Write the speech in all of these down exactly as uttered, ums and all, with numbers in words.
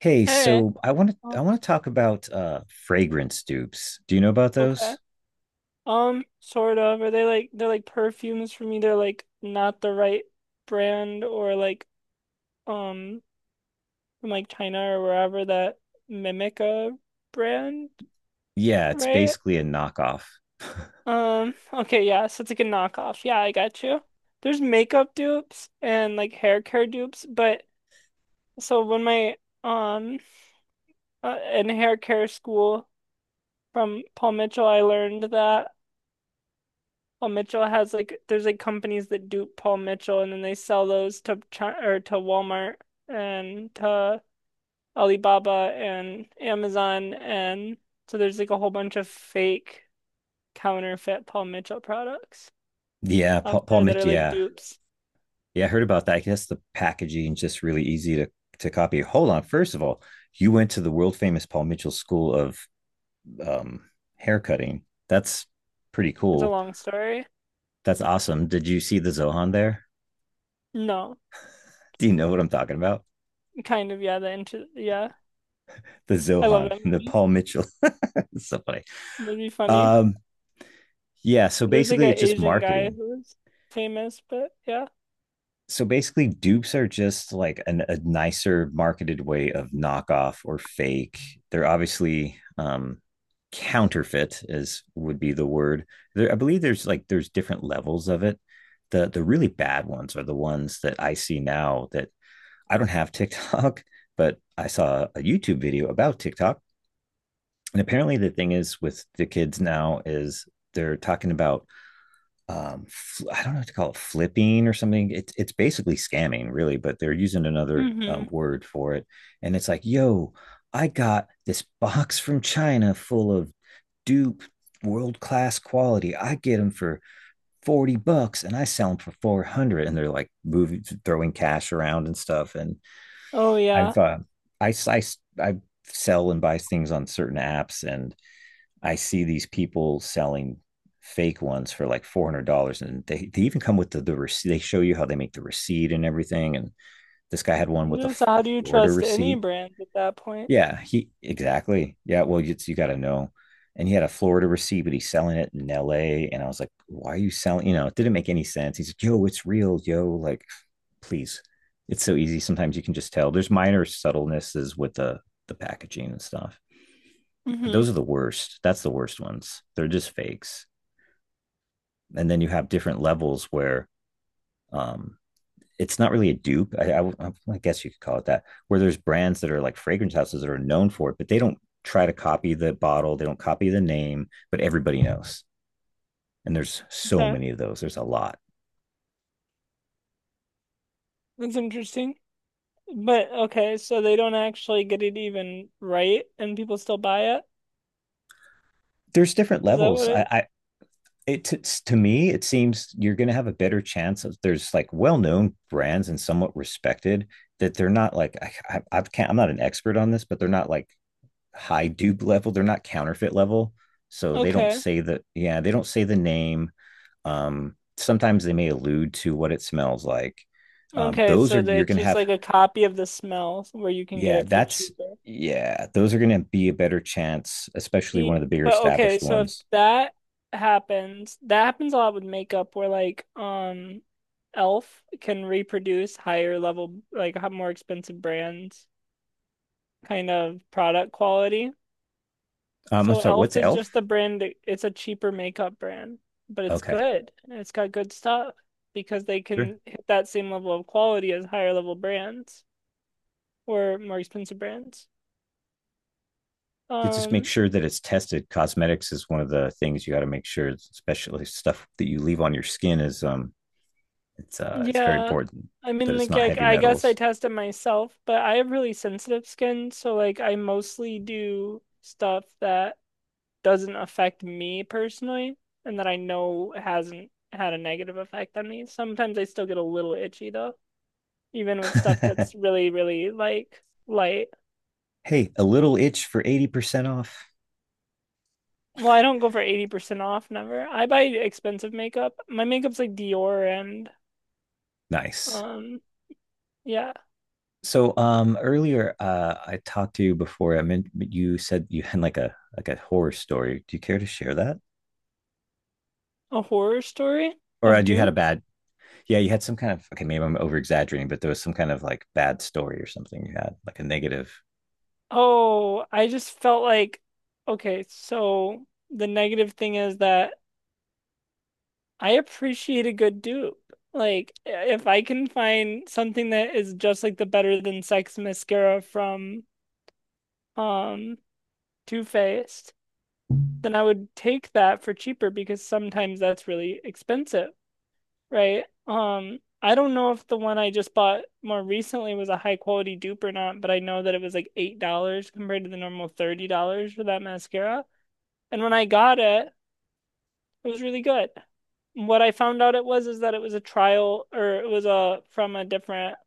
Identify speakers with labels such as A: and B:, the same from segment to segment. A: Hey,
B: Hey.
A: so I want to
B: Oh,
A: I want to talk about uh fragrance dupes. Do you know about
B: okay.
A: those?
B: Um, sort of. Are they like they're like perfumes for me? They're like not the right brand, or like um from like China or wherever, that mimic a brand,
A: Yeah, it's
B: right?
A: basically a knockoff.
B: Um, okay, yeah, so it's like a knockoff. Yeah, I got you. There's makeup dupes and like hair care dupes, but so when my um uh, in hair care school from Paul Mitchell, I learned that. Paul Mitchell has like there's like companies that dupe Paul Mitchell, and then they sell those to China or to Walmart and to Alibaba and Amazon, and so there's like a whole bunch of fake counterfeit Paul Mitchell products
A: Yeah, Paul,
B: out
A: Paul
B: there that
A: Mitch,
B: are like
A: yeah.
B: dupes.
A: Yeah, I heard about that. I guess the packaging just really easy to to copy. Hold on, first of all, you went to the world famous Paul Mitchell School of um haircutting. That's pretty
B: It's a
A: cool.
B: long story.
A: That's awesome. Did you see the Zohan there?
B: No,
A: Do you know what I'm talking about?
B: kind of, yeah, the intro, yeah.
A: The
B: I love
A: Zohan
B: that
A: and the
B: movie.
A: Paul Mitchell. It's so funny.
B: That'd be funny.
A: Um, yeah, so
B: There's like
A: basically
B: an
A: it's just
B: Asian guy
A: marketing
B: who's famous, but yeah.
A: so basically dupes are just like an, a nicer marketed way of knockoff or fake. They're obviously um counterfeit, as would be the word. There, I believe there's like there's different levels of it. The the really bad ones are the ones that I see now that I don't have TikTok, but I saw a YouTube video about TikTok. And apparently the thing is with the kids now is they're talking about, um I don't know what to call it, flipping or something. It's it's basically scamming, really, but they're using another um,
B: Hmm.
A: word for it. And it's like, yo, I got this box from China full of dupe world class quality. I get them for forty bucks and I sell them for four hundred, and they're like moving, throwing cash around and stuff. And
B: Oh
A: I've
B: yeah.
A: uh, I, I I sell and buy things on certain apps, and I see these people selling fake ones for like four hundred dollars, and they they even come with the the receipt. They show you how they make the receipt and everything. And this guy had one with a
B: So how
A: a
B: do you
A: Florida
B: trust any
A: receipt.
B: brand at that point?
A: Yeah, he exactly. Yeah, well, you you got to know. And he had a Florida receipt, but he's selling it in L A. And I was like, "Why are you selling?" You know, it didn't make any sense. He's like, "Yo, it's real, yo." Like, please, it's so easy. Sometimes you can just tell. There's minor subtlenesses with the the packaging and stuff, but
B: Hmm.
A: those are the worst. That's the worst ones. They're just fakes. And then you have different levels where, um, it's not really a dupe. I I, I guess you could call it that, where there's brands that are like fragrance houses that are known for it, but they don't try to copy the bottle, they don't copy the name, but everybody knows. And there's so
B: Okay,
A: many of those. There's a lot.
B: that's interesting. But okay, so they don't actually get it even right and people still buy it?
A: There's different
B: Is that what
A: levels. I,
B: it?
A: I it it's, to me, it seems you're going to have a better chance of there's like well-known brands and somewhat respected, that they're not like I, I, I can't. I'm not an expert on this, but they're not like high dupe level. They're not counterfeit level, so they don't
B: Okay.
A: say the, yeah, they don't say the name. Um, sometimes they may allude to what it smells like. Um,
B: Okay,
A: those are
B: so they-
A: you're
B: it's
A: gonna
B: just
A: have,
B: like a copy of the smell where you can get
A: yeah
B: it for
A: that's,
B: cheaper.
A: yeah those are gonna be a better chance, especially one of
B: See,
A: the bigger
B: but okay,
A: established
B: so if
A: ones.
B: that happens, that happens a lot with makeup where like um Elf can reproduce higher level, like h- more expensive brands kind of product quality.
A: Um, I'm
B: So
A: sorry, what's
B: Elf is just
A: Elf?
B: a brand, it's a cheaper makeup brand, but it's
A: Okay,
B: good and it's got good stuff because they
A: sure.
B: can hit that same level of quality as higher level brands or more expensive brands.
A: You just make
B: Um,
A: sure that it's tested. Cosmetics is one of the things you got to make sure, especially stuff that you leave on your skin is um it's uh it's very
B: yeah.
A: important
B: I
A: that
B: mean,
A: it's
B: like,
A: not
B: I,
A: heavy
B: I guess I
A: metals.
B: test it myself, but I have really sensitive skin, so like I mostly do stuff that doesn't affect me personally and that I know hasn't had a negative effect on me. Sometimes I still get a little itchy though, even with stuff that's really, really like light.
A: Hey, a little itch for eighty percent off.
B: Well, I don't go for eighty percent off, never. I buy expensive makeup. My makeup's like Dior and
A: Nice.
B: um yeah,
A: So um earlier uh I talked to you before I meant, you said you had like a like a horror story. Do you care to share that?
B: a horror story
A: Or uh,
B: of
A: you had a
B: dupes.
A: bad, yeah, you had some kind of, okay, maybe I'm over exaggerating, but there was some kind of like bad story or something you had, like a negative.
B: Oh, I just felt like okay, so the negative thing is that I appreciate a good dupe. Like if I can find something that is just like the Better Than Sex mascara from um Too Faced, then I would take that for cheaper because sometimes that's really expensive, right? Um, I don't know if the one I just bought more recently was a high quality dupe or not, but I know that it was like eight dollars compared to the normal thirty dollars for that mascara. And when I got it, it was really good. What I found out it was is that it was a trial, or it was a from a different,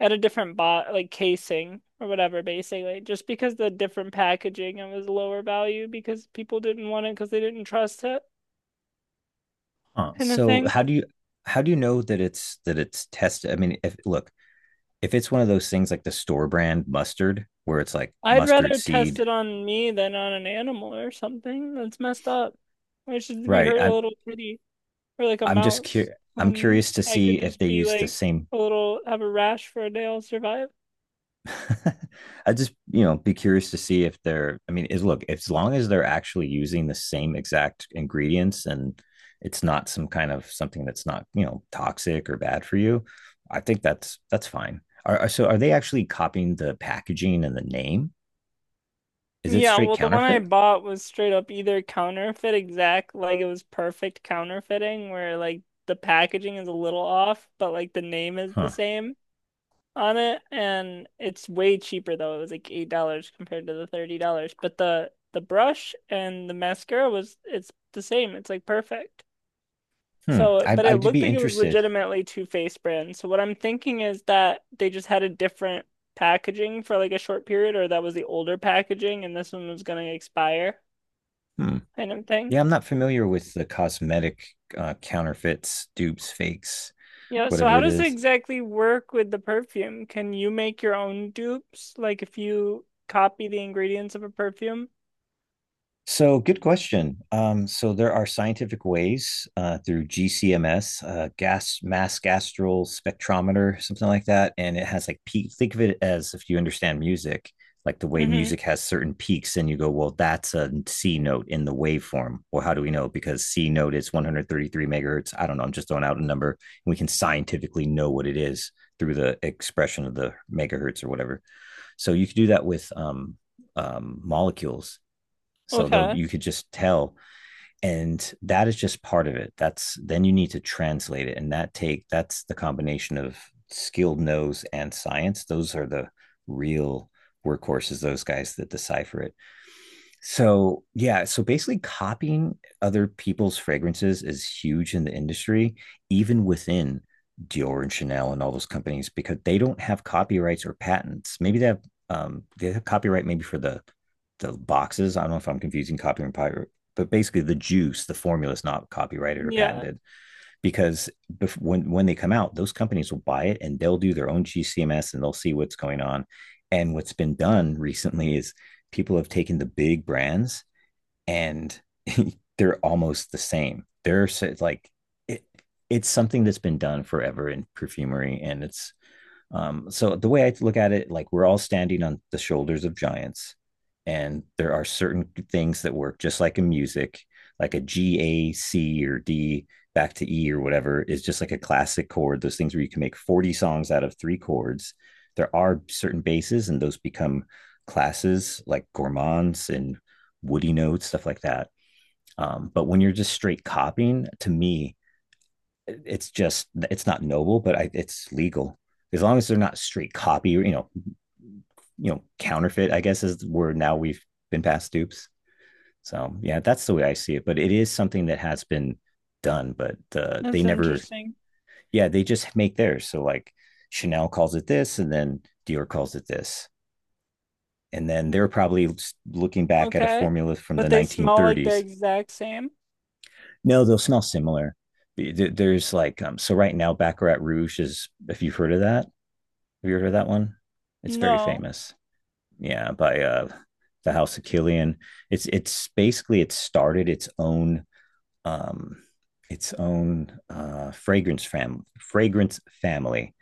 B: at a different bot like casing or whatever, basically just because the different packaging it was lower value because people didn't want it because they didn't trust it
A: Huh.
B: kind of
A: So
B: thing.
A: how do you how do you know that it's that it's tested? I mean, if look, if it's one of those things like the store brand mustard where it's like
B: I'd
A: mustard
B: rather test
A: seed,
B: it on me than on an animal or something. That's messed up. Why should we
A: right?
B: hurt a
A: I,
B: little kitty or like a
A: I'm just
B: mouse
A: cur- I'm
B: when
A: curious to
B: I
A: see
B: could
A: if
B: just
A: they
B: be
A: use the
B: like
A: same.
B: a little, have a rash for a day, I'll survive.
A: I just, you know, be curious to see if they're. I mean, is look, as long as they're actually using the same exact ingredients and it's not some kind of something that's not, you know, toxic or bad for you. I think that's that's fine. Are, are- so are they actually copying the packaging and the name? Is it
B: Yeah,
A: straight
B: well, the one I
A: counterfeit?
B: bought was straight up either counterfeit exact, like it was perfect counterfeiting, where like the packaging is a little off, but like the name is the
A: Huh.
B: same on it, and it's way cheaper though. It was like eight dollars compared to the thirty dollars. But the the brush and the mascara was, it's the same. It's like perfect.
A: Hmm.
B: So,
A: I,
B: but it
A: I'd
B: looked
A: be
B: like it was
A: interested.
B: legitimately Too Faced brand. So what I'm thinking is that they just had a different packaging for like a short period, or that was the older packaging and this one was gonna expire
A: Hmm.
B: kind of thing.
A: Yeah, I'm not familiar with the cosmetic uh, counterfeits, dupes, fakes,
B: Yeah, so
A: whatever
B: how
A: it
B: does it
A: is.
B: exactly work with the perfume? Can you make your own dupes? Like if you copy the ingredients of a perfume?
A: So, good question. Um, so, there are scientific ways uh, through G C M S, uh, gas mass gastral spectrometer, something like that, and it has like peak. Think of it as, if you understand music, like the way
B: Hmm.
A: music has certain peaks, and you go, "Well, that's a C note in the waveform." Well, how do we know? Because C note is one hundred thirty-three megahertz. I don't know. I'm just throwing out a number, and we can scientifically know what it is through the expression of the megahertz or whatever. So, you could do that with um, um, molecules, so they'll
B: Okay.
A: you could just tell. And that is just part of it. That's then you need to translate it. And that take that's the combination of skilled nose and science. Those are the real workhorses, those guys that decipher it. So, yeah, so basically copying other people's fragrances is huge in the industry, even within Dior and Chanel and all those companies, because they don't have copyrights or patents. Maybe they have um they have copyright maybe for the the boxes. I don't know if I'm confusing copyright and pirate, but basically the juice, the formula is not copyrighted or
B: Yeah,
A: patented because bef- when when they come out, those companies will buy it and they'll do their own G C M S and they'll see what's going on. And what's been done recently is people have taken the big brands and they're almost the same. They're so- like it, it's something that's been done forever in perfumery, and it's, um, so the way I look at it, like we're all standing on the shoulders of giants, and there are certain things that work just like in music, like a G, A, C, or D back to E or whatever is just like a classic chord. Those things where you can make forty songs out of three chords. There are certain bases, and those become classes like gourmands and woody notes, stuff like that. Um, but when you're just straight copying, to me, it's just it's not noble, but I, it's legal, as long as they're not straight copy or, you know, you know, counterfeit. I guess is the word, now we've been past dupes. So yeah, that's the way I see it. But it is something that has been done, but uh, they
B: that's
A: never.
B: interesting.
A: Yeah, they just make theirs. So like Chanel calls it this, and then Dior calls it this, and then they're probably looking back at a
B: Okay.
A: formula from the
B: But they smell like the
A: nineteen thirties.
B: exact same?
A: No, they'll smell similar. There's like um, so right now, Baccarat Rouge is, if you've heard of that, have you ever heard that one? It's very
B: No.
A: famous. Yeah, by uh the House of Killian. It's it's basically it started its own um its own uh fragrance fam fragrance family.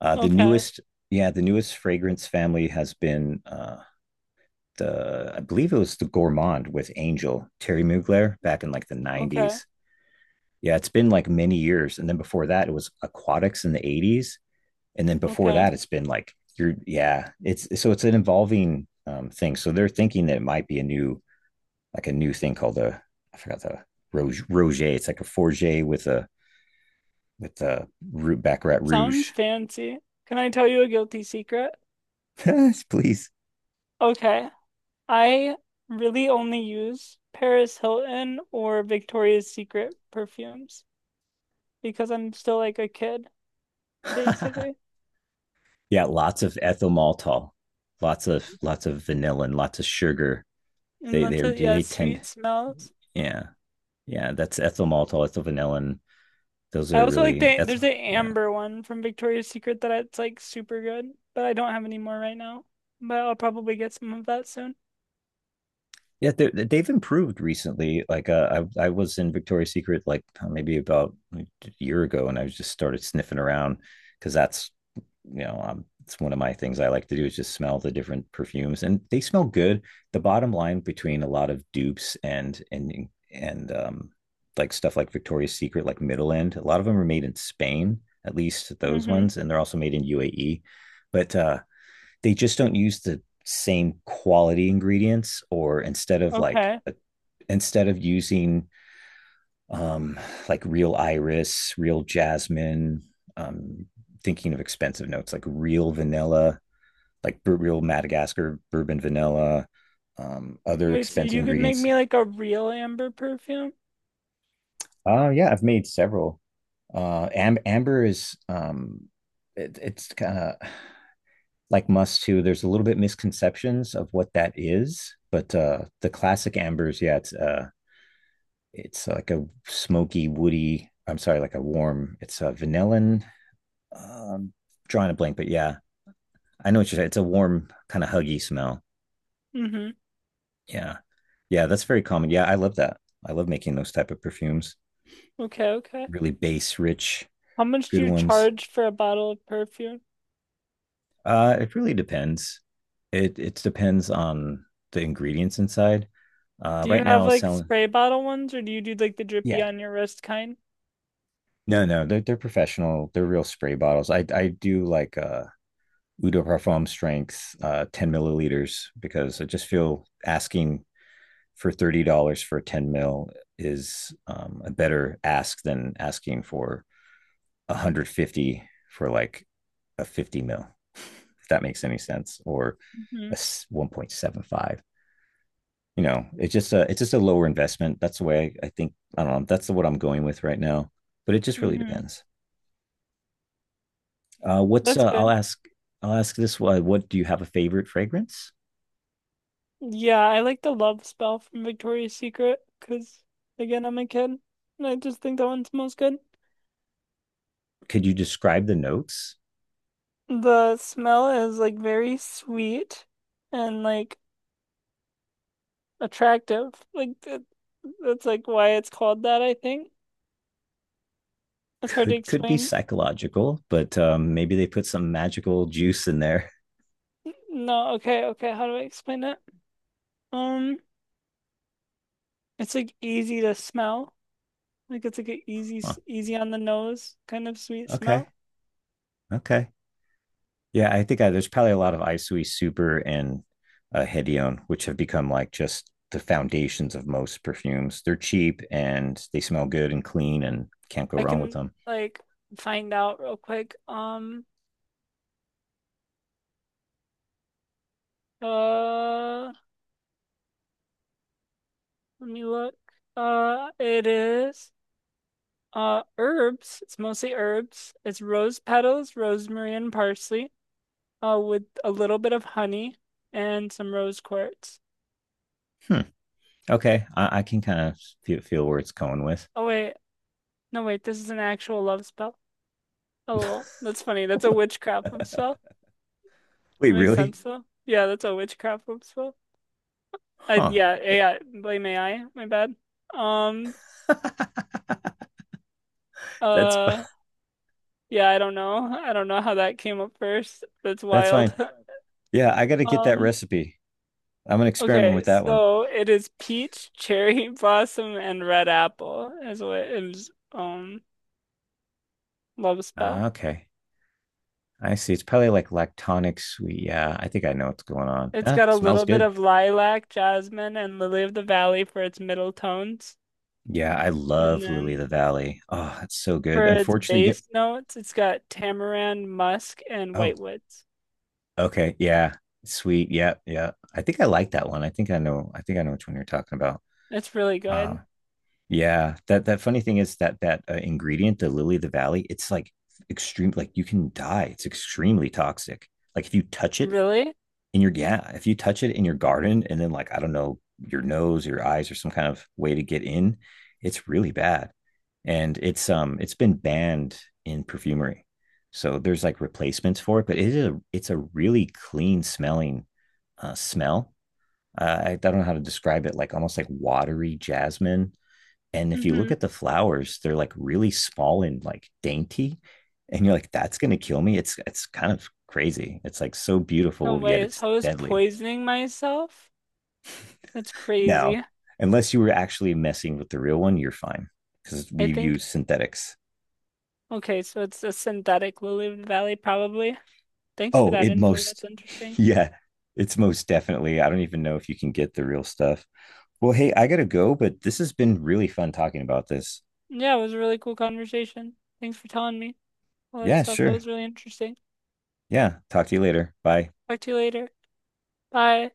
A: Uh the
B: Okay.
A: newest, yeah, the newest fragrance family has been uh the, I believe it was the Gourmand with Angel Terry Mugler back in like the
B: Okay.
A: nineties. Yeah, it's been like many years. And then before that, it was Aquatics in the eighties, and then before
B: Okay.
A: that it's been like you're, yeah, it's so it's an evolving, um, thing, so they're thinking that it might be a new, like a new thing called the, I forgot the, roge roger, it's like a forger with a, with the root Baccarat
B: It
A: Rouge.
B: sounds fancy. Can I tell you a guilty secret?
A: Please.
B: Okay. I really only use Paris Hilton or Victoria's Secret perfumes because I'm still like a kid, basically.
A: Yeah, lots of ethyl maltol, lots of lots of vanilla and lots of sugar.
B: And
A: they they
B: that's it. Yeah,
A: they tend,
B: sweet smells.
A: yeah, yeah that's ethyl maltol, ethyl vanillin, those
B: I
A: are
B: also like
A: really
B: the there's
A: ethyl,
B: the
A: yeah.
B: amber one from Victoria's Secret that it's like super good, but I don't have any more right now. But I'll probably get some of that soon.
A: Yeah, they they've improved recently. Like uh, I I was in Victoria's Secret like uh, maybe about like, a year ago, and I just started sniffing around because that's, you know, um it's one of my things I like to do is just smell the different perfumes, and they smell good. The bottom line between a lot of dupes and and and um like stuff like Victoria's Secret, like middle end, a lot of them are made in Spain, at least those
B: Mm-hmm.
A: ones, and they're also made in U A E. But uh, they just don't use the same quality ingredients. Or instead of like
B: Okay.
A: a, instead of using um like real iris, real jasmine, um thinking of expensive notes like real vanilla, like real Madagascar bourbon vanilla, um other
B: Wait, so
A: expensive
B: you could make
A: ingredients.
B: me like a real amber perfume?
A: Oh uh yeah, I've made several. Uh am- amber is um it, it's kind of like musk too. There's a little bit misconceptions of what that is, but uh, the classic ambers, yeah, it's uh, it's like a smoky, woody. I'm sorry, like a warm. It's a vanillin. Um, drawing a blank, but yeah, I know what you're saying. It's a warm kind of huggy smell.
B: Mm-hmm.
A: Yeah, yeah, that's very common. Yeah, I love that. I love making those type of perfumes.
B: Okay, okay.
A: Really base rich,
B: How much
A: good
B: do you
A: ones.
B: charge for a bottle of perfume?
A: Uh, it really depends. It it depends on the ingredients inside. Uh,
B: Do you
A: right
B: have
A: now,
B: like
A: selling.
B: spray bottle ones, or do you do like the drippy
A: Yeah.
B: on your wrist kind?
A: No, no, they're they're professional. They're real spray bottles. I I do like uh Eau de Parfum strength, uh ten milliliters, because I just feel asking for thirty dollars for ten mil is um a better ask than asking for one hundred fifty for like a fifty mil, if that makes any sense, or
B: Mm-hmm.
A: a s- one point seven five. You know, it's just a, it's just a lower investment. That's the way I, I think, I don't know, that's what I'm going with right now. But it just really
B: Mm-hmm.
A: depends. Uh, what's
B: That's
A: uh,
B: good.
A: I'll ask I'll ask this one. What, do you have a favorite fragrance?
B: Yeah, I like the love spell from Victoria's Secret because again, I'm a kid and I just think that one smells good.
A: Could you describe the notes?
B: The smell is like very sweet and like attractive. Like that, that's like why it's called that, I think. It's hard to
A: Could could be
B: explain.
A: psychological, but um, maybe they put some magical juice in there.
B: N- No, okay, okay. How do I explain it? Um, it's like easy to smell. Like it's like an easy,
A: Huh.
B: s- easy on the nose kind of sweet
A: Okay,
B: smell.
A: okay, yeah. I think I, there's probably a lot of Isui Super and uh, Hedion, which have become like just the foundations of most perfumes. They're cheap and they smell good and clean, and can't go
B: I
A: wrong with
B: can
A: them.
B: like find out real quick. Um, uh, Let me look. Uh, it is. Uh, herbs. It's mostly herbs. It's rose petals, rosemary, and parsley. Uh, with a little bit of honey and some rose quartz.
A: Hmm. Okay, I, I can kind of feel, feel where it's going with.
B: Oh wait, no wait. This is an actual love spell. Oh well, that's funny. That's a witchcraft love spell.
A: Wait,
B: That makes
A: really?
B: sense though. Yeah, that's a witchcraft love spell. I
A: Huh.
B: yeah A I. Blame A I. My bad. Um.
A: That's
B: Uh. Yeah, I don't know. I don't know how that came up first. That's
A: that's fine.
B: wild.
A: Yeah, I got to get that
B: Um.
A: recipe. I'm gonna experiment
B: Okay,
A: with that one.
B: so it is peach, cherry blossom, and red apple is what is um love
A: Ah,
B: spell.
A: okay, I see. It's probably like lactonic sweet. Yeah, I think I know what's going on.
B: It's got
A: That
B: a
A: smells
B: little bit
A: good.
B: of lilac, jasmine, and lily of the valley for its middle tones.
A: Yeah, I
B: And
A: love Lily of
B: then
A: the Valley. Oh, it's so good.
B: for its
A: Unfortunately, you-
B: bass notes, it's got tamarind, musk, and
A: oh,
B: whitewoods.
A: okay, yeah, sweet. Yeah, yeah. I think I like that one. I think I know. I think I know which one you're talking about.
B: That's really
A: Uh,
B: good.
A: Yeah, that that funny thing is that that uh, ingredient, the lily of the valley, it's like extreme. Like you can die. It's extremely toxic. Like if you touch it
B: Really?
A: in your yeah, if you touch it in your garden, and then like I don't know, your nose, your eyes, or some kind of way to get in, it's really bad. And it's um it's been banned in perfumery, so there's like replacements for it. But it is a it's a really clean smelling uh, smell. Uh, I, I don't know how to describe it. Like almost like watery jasmine, and if you look
B: Mm-hmm.
A: at the flowers, they're like really small and like dainty. And you're like, that's gonna kill me. It's it's kind of crazy. It's like so
B: No
A: beautiful, yet
B: way.
A: it's
B: So I was
A: deadly.
B: poisoning myself? That's
A: Now,
B: crazy.
A: unless you were actually messing with the real one, you're fine. Because we
B: I think,
A: use synthetics.
B: okay, so it's a synthetic lily of the valley, probably. Thanks for
A: Oh,
B: that
A: it
B: info.
A: most
B: That's interesting.
A: yeah, it's most definitely. I don't even know if you can get the real stuff. Well, hey, I gotta go, but this has been really fun talking about this.
B: Yeah, it was a really cool conversation. Thanks for telling me all that
A: Yeah,
B: stuff. That
A: sure.
B: was really interesting.
A: Yeah. Talk to you later. Bye.
B: Talk to you later. Bye.